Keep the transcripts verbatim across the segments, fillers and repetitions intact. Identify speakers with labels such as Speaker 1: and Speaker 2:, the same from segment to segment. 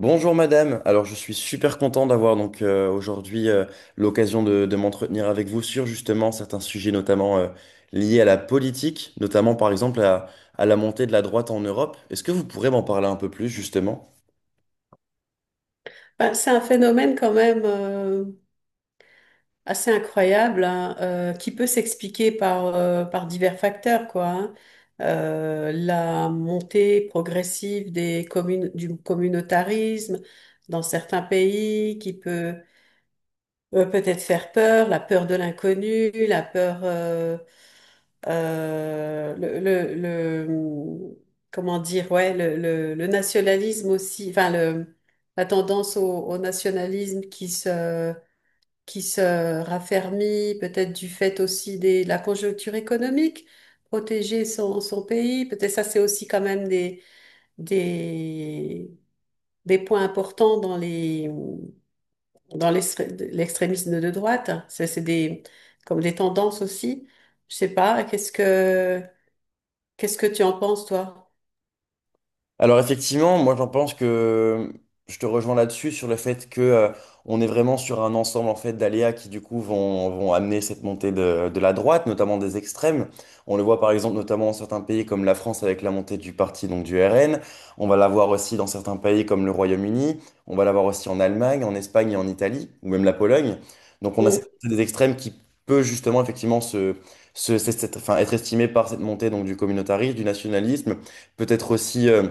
Speaker 1: Bonjour madame, alors je suis super content d'avoir donc euh, aujourd'hui euh, l'occasion de, de m'entretenir avec vous sur justement certains sujets notamment euh, liés à la politique, notamment par exemple à, à la montée de la droite en Europe. Est-ce que vous pourrez m'en parler un peu plus justement?
Speaker 2: Ben, c'est un phénomène quand même euh, assez incroyable hein, euh, qui peut s'expliquer par, euh, par divers facteurs, quoi. Hein. Euh, la montée progressive des communes, du communautarisme dans certains pays qui peut euh, peut-être faire peur, la peur de l'inconnu, la peur, euh, euh, le, le, le- comment dire, ouais, le, le, le nationalisme aussi, enfin le, la tendance au, au nationalisme qui se, qui se raffermit, peut-être du fait aussi des, de la conjoncture économique, protéger son, son pays, peut-être ça c'est aussi quand même des, des, des points importants dans les dans l'extré- l'extrémisme de droite. Ça, c'est des, comme des tendances aussi. Je sais pas, qu'est-ce que, qu'est-ce que tu en penses, toi?
Speaker 1: Alors effectivement, moi j'en pense que je te rejoins là-dessus sur le fait que euh, on est vraiment sur un ensemble en fait d'aléas qui du coup vont, vont amener cette montée de, de la droite, notamment des extrêmes. On le voit par exemple notamment dans certains pays comme la France avec la montée du parti donc du R N. On va l'avoir aussi dans certains pays comme le Royaume-Uni. On va l'avoir aussi en Allemagne, en Espagne et en Italie ou même la Pologne. Donc on a cette
Speaker 2: Mm.
Speaker 1: montée des extrêmes qui peut justement effectivement se, se- cette- cette- enfin, être estimée par cette montée donc du communautarisme, du nationalisme, peut-être aussi euh,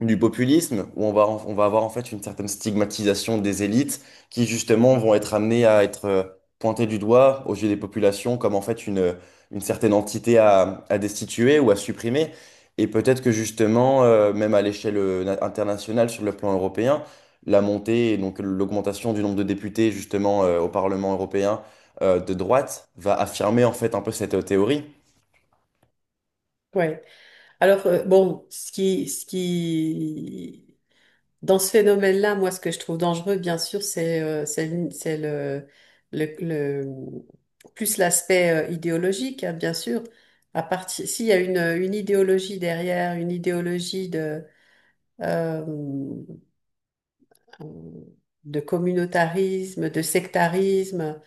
Speaker 1: du populisme, où on va, en- on va avoir en fait une certaine stigmatisation des élites qui justement vont être amenées à être euh, pointées du doigt aux yeux des populations comme en fait une, une certaine entité à, à destituer ou à supprimer. Et peut-être que justement, euh, même à l'échelle euh, na- internationale, sur le plan européen, la montée et donc l'augmentation du nombre de députés justement euh, au Parlement européen euh, de droite va affirmer en fait un peu cette euh, théorie.
Speaker 2: Ouais. Alors, euh, bon, ce qui, ce qui, dans ce phénomène-là, moi, ce que je trouve dangereux, bien sûr, c'est euh, c'est le, c'est le, le- le- plus l'aspect euh, idéologique, hein, bien sûr. À partir, s'il y a une, une idéologie derrière, une idéologie de, euh, de communautarisme, de sectarisme.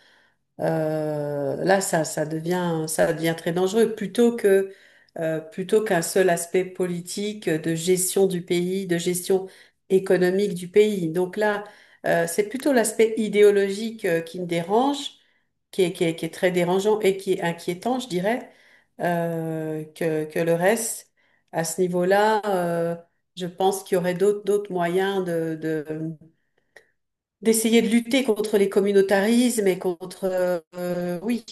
Speaker 2: euh, là, ça, Ça devient, ça devient très dangereux. Plutôt que, euh, plutôt qu'un seul aspect politique euh, de gestion du pays, de gestion économique du pays. Donc là, euh, c'est plutôt l'aspect idéologique euh, qui me dérange, qui est, qui est, qui est très dérangeant et qui est inquiétant, je dirais, euh, que, que le reste. À ce niveau-là, euh, je pense qu'il y aurait d'autres, d'autres moyens de, de d'essayer de lutter contre les communautarismes et contre... euh, euh, oui,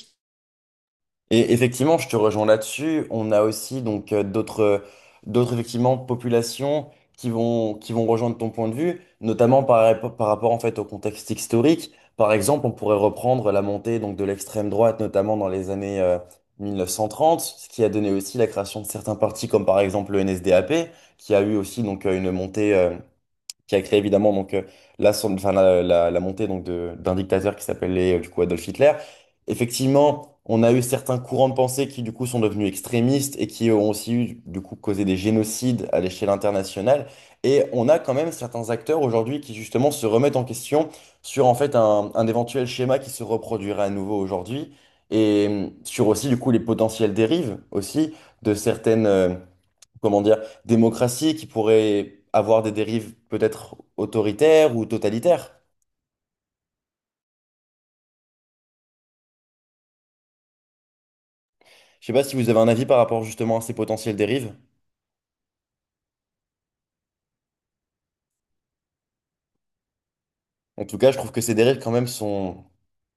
Speaker 1: Et effectivement, je te rejoins là-dessus. On a aussi donc euh, d'autres euh, d'autres effectivement populations qui vont qui vont rejoindre ton point de vue, notamment par, rap- par rapport en fait au contexte historique. Par exemple, on pourrait reprendre la montée donc de l'extrême droite, notamment dans les années euh, mille neuf cent trente, ce qui a donné aussi la création de certains partis comme par exemple le N S D A P, qui a eu aussi donc euh, une montée euh, qui a créé évidemment donc euh, la, son- enfin, la, la- la montée donc de- d'un dictateur qui s'appelait euh, du coup Adolf Hitler. Effectivement, on a eu certains courants de pensée qui du coup sont devenus extrémistes et qui ont aussi eu du coup causé des génocides à l'échelle internationale. Et on a quand même certains acteurs aujourd'hui qui justement se remettent en question sur en fait un, un éventuel schéma qui se reproduirait à nouveau aujourd'hui et euh, sur aussi du coup les potentielles dérives aussi de certaines euh, comment dire, démocratie qui pourrait avoir des dérives peut-être autoritaires ou totalitaires. Je sais pas si vous avez un avis par rapport justement à ces potentielles dérives. En tout cas, je trouve que ces dérives quand même sont,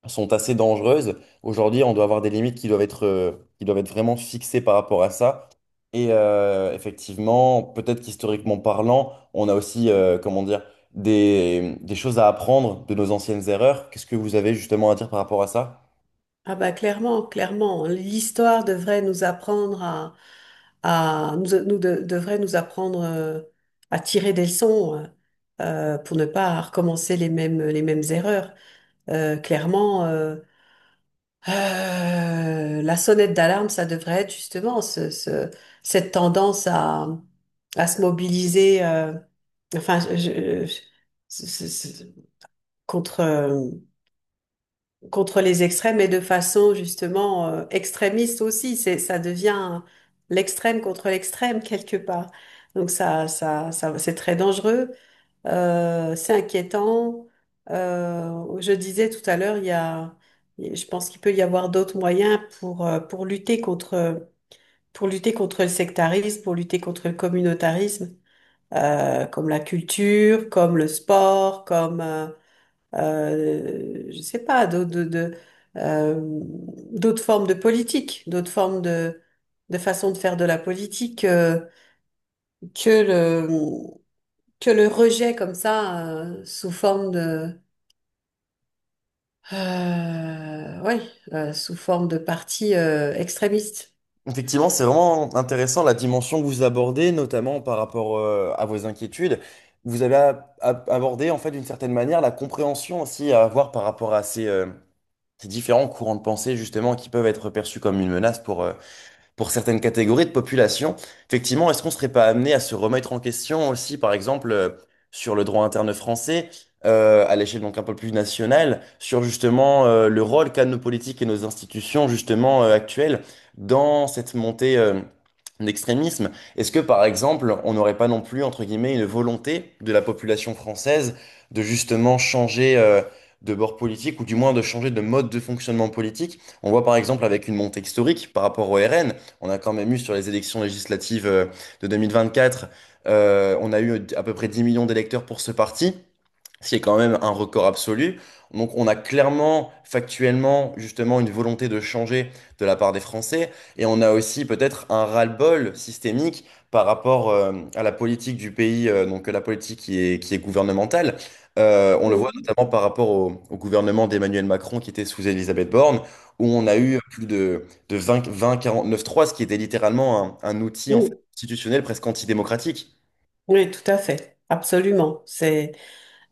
Speaker 1: sont assez dangereuses. Aujourd'hui, on doit avoir des limites qui doivent être, euh, qui doivent être vraiment fixées par rapport à ça. Et euh, effectivement, peut-être qu'historiquement parlant, on a aussi, euh, comment dire, des, des choses à apprendre de nos anciennes erreurs. Qu'est-ce que vous avez justement à dire par rapport à ça?
Speaker 2: ah bah clairement, clairement, l'histoire devrait nous apprendre à, à nous, nous de- devrait nous apprendre euh, à tirer des leçons euh, pour ne pas recommencer les mêmes, les mêmes erreurs. Euh, clairement, euh, euh, la sonnette d'alarme, ça devrait être justement ce, ce- cette tendance à, à se mobiliser. euh, enfin, je, je- contre euh, contre les extrêmes et de façon justement euh, extrémiste aussi. C'est ça devient l'extrême contre l'extrême quelque part. Donc ça ça ça c'est très dangereux, euh, c'est inquiétant. Euh, je disais tout à l'heure, il y a je pense qu'il peut y avoir d'autres moyens pour euh, pour lutter contre pour lutter contre le sectarisme, pour lutter contre le communautarisme, euh, comme la culture, comme le sport, comme euh, euh, je sais pas, d'autres de, de, euh, d'autres formes de politique, d'autres formes de, de façon de faire de la politique euh, que le, que le rejet comme ça euh, sous forme de, euh, ouais, euh, sous forme de parti euh, extrémiste.
Speaker 1: Effectivement, c'est vraiment intéressant la dimension que vous abordez, notamment par rapport euh, à vos inquiétudes. Vous avez a- a- abordé, en fait, d'une certaine manière, la compréhension aussi à avoir par rapport à ces, euh, ces différents courants de pensée, justement, qui peuvent être perçus comme une menace pour, euh, pour certaines catégories de population. Effectivement, est-ce qu'on ne serait pas amené à se remettre en question aussi, par exemple, euh, sur le droit interne français, euh, à l'échelle donc un peu plus nationale, sur justement euh, le rôle qu'ont nos politiques et nos institutions justement euh, actuelles dans cette montée euh, d'extrémisme? Est-ce que, par exemple, on n'aurait pas non plus, entre guillemets, une volonté de la population française de justement changer... euh, de bord politique ou du moins de changer de mode de fonctionnement politique. On voit par exemple avec une montée historique par rapport au R N, on a quand même eu sur les élections législatives euh, de deux mille vingt-quatre, euh, on a eu à peu près dix millions d'électeurs pour ce parti ce qui est quand même un record absolu. Donc on a clairement, factuellement, justement, une volonté de changer de la part des Français, et on a aussi peut-être un ras-le-bol systémique par rapport euh, à la politique du pays, euh, donc la politique qui est, qui est gouvernementale. Euh, on le voit
Speaker 2: Mm.
Speaker 1: notamment par rapport au, au gouvernement d'Emmanuel Macron qui était sous Elisabeth Borne, où on a eu plus de, de vingt, vingt quarante-neuf trois, ce qui était littéralement un, un outil en fait,
Speaker 2: Mm.
Speaker 1: constitutionnel presque antidémocratique.
Speaker 2: Oui, tout à fait. Absolument. C'est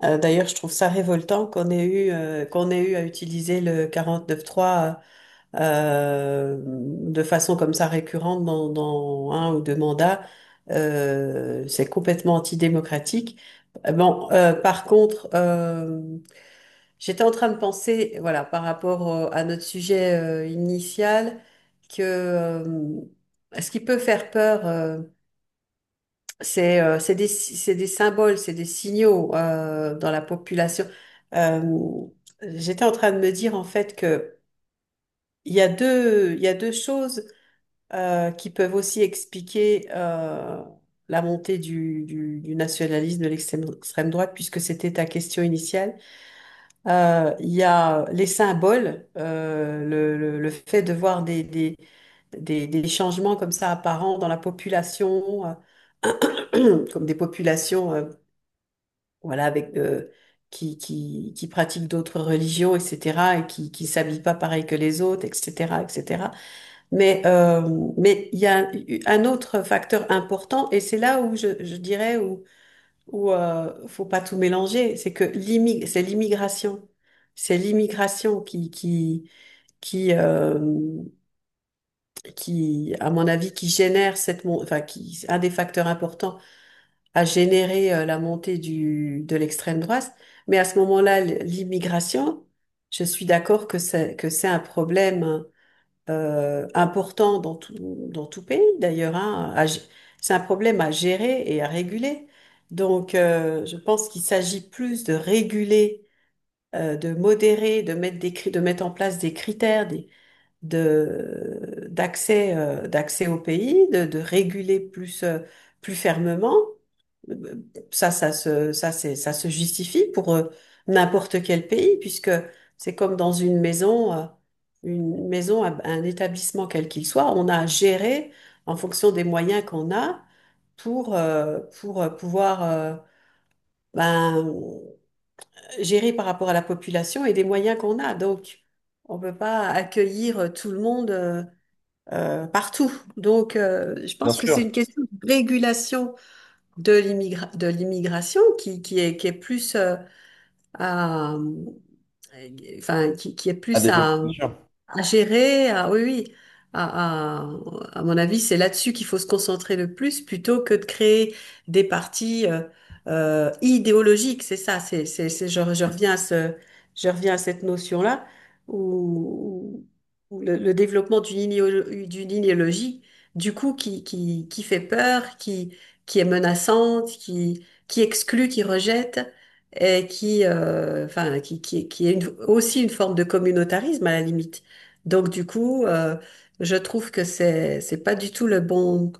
Speaker 2: euh, D'ailleurs, je trouve ça révoltant qu'on ait eu euh, qu'on ait eu à utiliser le quarante neuf trois euh, de façon comme ça récurrente dans, dans un ou deux mandats, euh, c'est complètement antidémocratique. Euh, Bon, euh, par contre, euh, j'étais en train de penser, voilà, par rapport euh, à notre sujet euh, initial, que euh, ce qui peut faire peur, euh, c'est euh, c'est des, si, c'est des symboles, c'est des signaux euh, dans la population. Euh, J'étais en train de me dire en fait que il y a deux, il y a deux choses euh, qui peuvent aussi expliquer euh, la montée du, du- du nationalisme, de l'extrême extrême droite, puisque c'était ta question initiale. Euh, Il y a les symboles, euh, le, le- le fait de voir des, des, des- des changements comme ça apparents dans la population, euh, comme des populations euh, voilà, avec, euh, qui, qui, qui pratiquent d'autres religions, et cætera, et qui ne s'habillent pas pareil que les autres, et cætera, et cætera. Mais euh, mais il y a un un autre facteur important et c'est là où je, je dirais où où euh, faut pas tout mélanger, c'est que l'immi- c'est l'immigration, c'est l'immigration qui qui qui euh, qui à mon avis qui génère cette mon- enfin qui un des facteurs importants à générer euh, la montée du de l'extrême droite. Mais à ce moment-là, l- l'immigration, je suis d'accord que c'est que c'est un problème hein euh, important dans tout, dans tout pays d'ailleurs. Hein, à gé- c'est un problème à gérer et à réguler. Donc, euh, je pense qu'il s'agit plus de réguler, euh, de modérer, de mettre des, cri- de mettre en place des critères des- de, d'accès, euh, d'accès au pays, de, de réguler plus, euh, plus fermement. Ça, ça se, ça, c'est, ça se justifie pour euh, n'importe quel pays, puisque c'est comme dans une maison, euh, une maison, un un établissement quel qu'il soit. On a géré en fonction des moyens qu'on a pour, euh, pour euh, pouvoir euh, ben, gérer par rapport à la population et des moyens qu'on a. Donc, on ne peut pas accueillir tout le monde euh, euh, partout. Donc, euh, je
Speaker 1: Bien
Speaker 2: pense que c'est
Speaker 1: sûr,
Speaker 2: une question de régulation de l'immigra- de l'immigration qui, qui est, qui est plus euh, à, euh, enfin, qui, qui est
Speaker 1: à
Speaker 2: plus
Speaker 1: développer,
Speaker 2: à,
Speaker 1: bien sûr.
Speaker 2: à gérer, à, oui, oui. À, à, à mon avis, c'est là-dessus qu'il faut se concentrer le plus plutôt que de créer des partis euh, euh, idéologiques. C'est ça, c'est, c'est, c'est, je, je reviens à ce, je reviens à cette notion-là où, où le, le développement d'une idéolo- d'une idéologie, du coup, qui, qui, qui fait peur, qui, qui est menaçante, qui, qui exclut, qui rejette et qui, euh, enfin, qui, qui, qui est une- aussi une forme de communautarisme à la limite. Donc, du coup, euh, je trouve que c'est, c'est pas du tout le bon,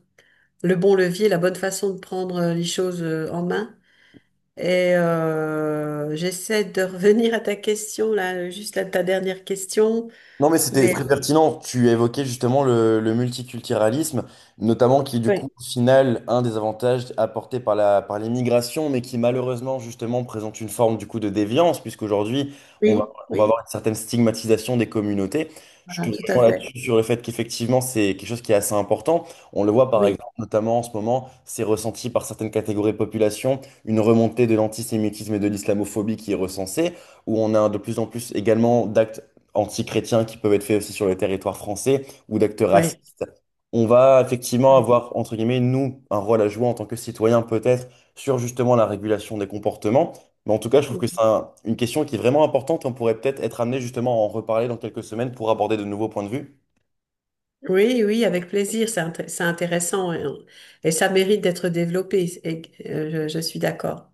Speaker 2: le bon levier, la bonne façon de prendre euh, les choses euh, en main. Et euh, j'essaie de revenir à ta question, là, juste à ta dernière question.
Speaker 1: Non, mais c'était
Speaker 2: Mais
Speaker 1: très pertinent. Tu évoquais justement le, le multiculturalisme, notamment qui est du coup,
Speaker 2: oui,
Speaker 1: au final, un des avantages apportés par la, par l'immigration, mais qui malheureusement, justement, présente une forme du coup de déviance, puisqu'aujourd'hui, on va,
Speaker 2: oui,
Speaker 1: on va
Speaker 2: oui,
Speaker 1: avoir une certaine stigmatisation des communautés. Je te
Speaker 2: voilà, tout à
Speaker 1: rejoins
Speaker 2: fait.
Speaker 1: là-dessus sur le fait qu'effectivement, c'est quelque chose qui est assez important. On le voit par exemple,
Speaker 2: Oui,
Speaker 1: notamment en ce moment, c'est ressenti par certaines catégories de population, une remontée de l'antisémitisme et de l'islamophobie qui est recensée, où on a de plus en plus également d'actes anti qui peuvent être faits aussi sur le territoire français ou d'actes
Speaker 2: oui.
Speaker 1: racistes. On va effectivement
Speaker 2: Oui,
Speaker 1: avoir, entre guillemets, nous, un rôle à jouer en tant que citoyens peut-être sur justement la régulation des comportements. Mais en tout cas, je trouve que c'est un- une question qui est vraiment importante. On pourrait peut-être être amené justement à en reparler dans quelques semaines pour aborder de nouveaux points de vue.
Speaker 2: oui, oui, avec plaisir, c'est int- c'est intéressant et, et ça mérite d'être développé. Et, euh, je je suis d'accord.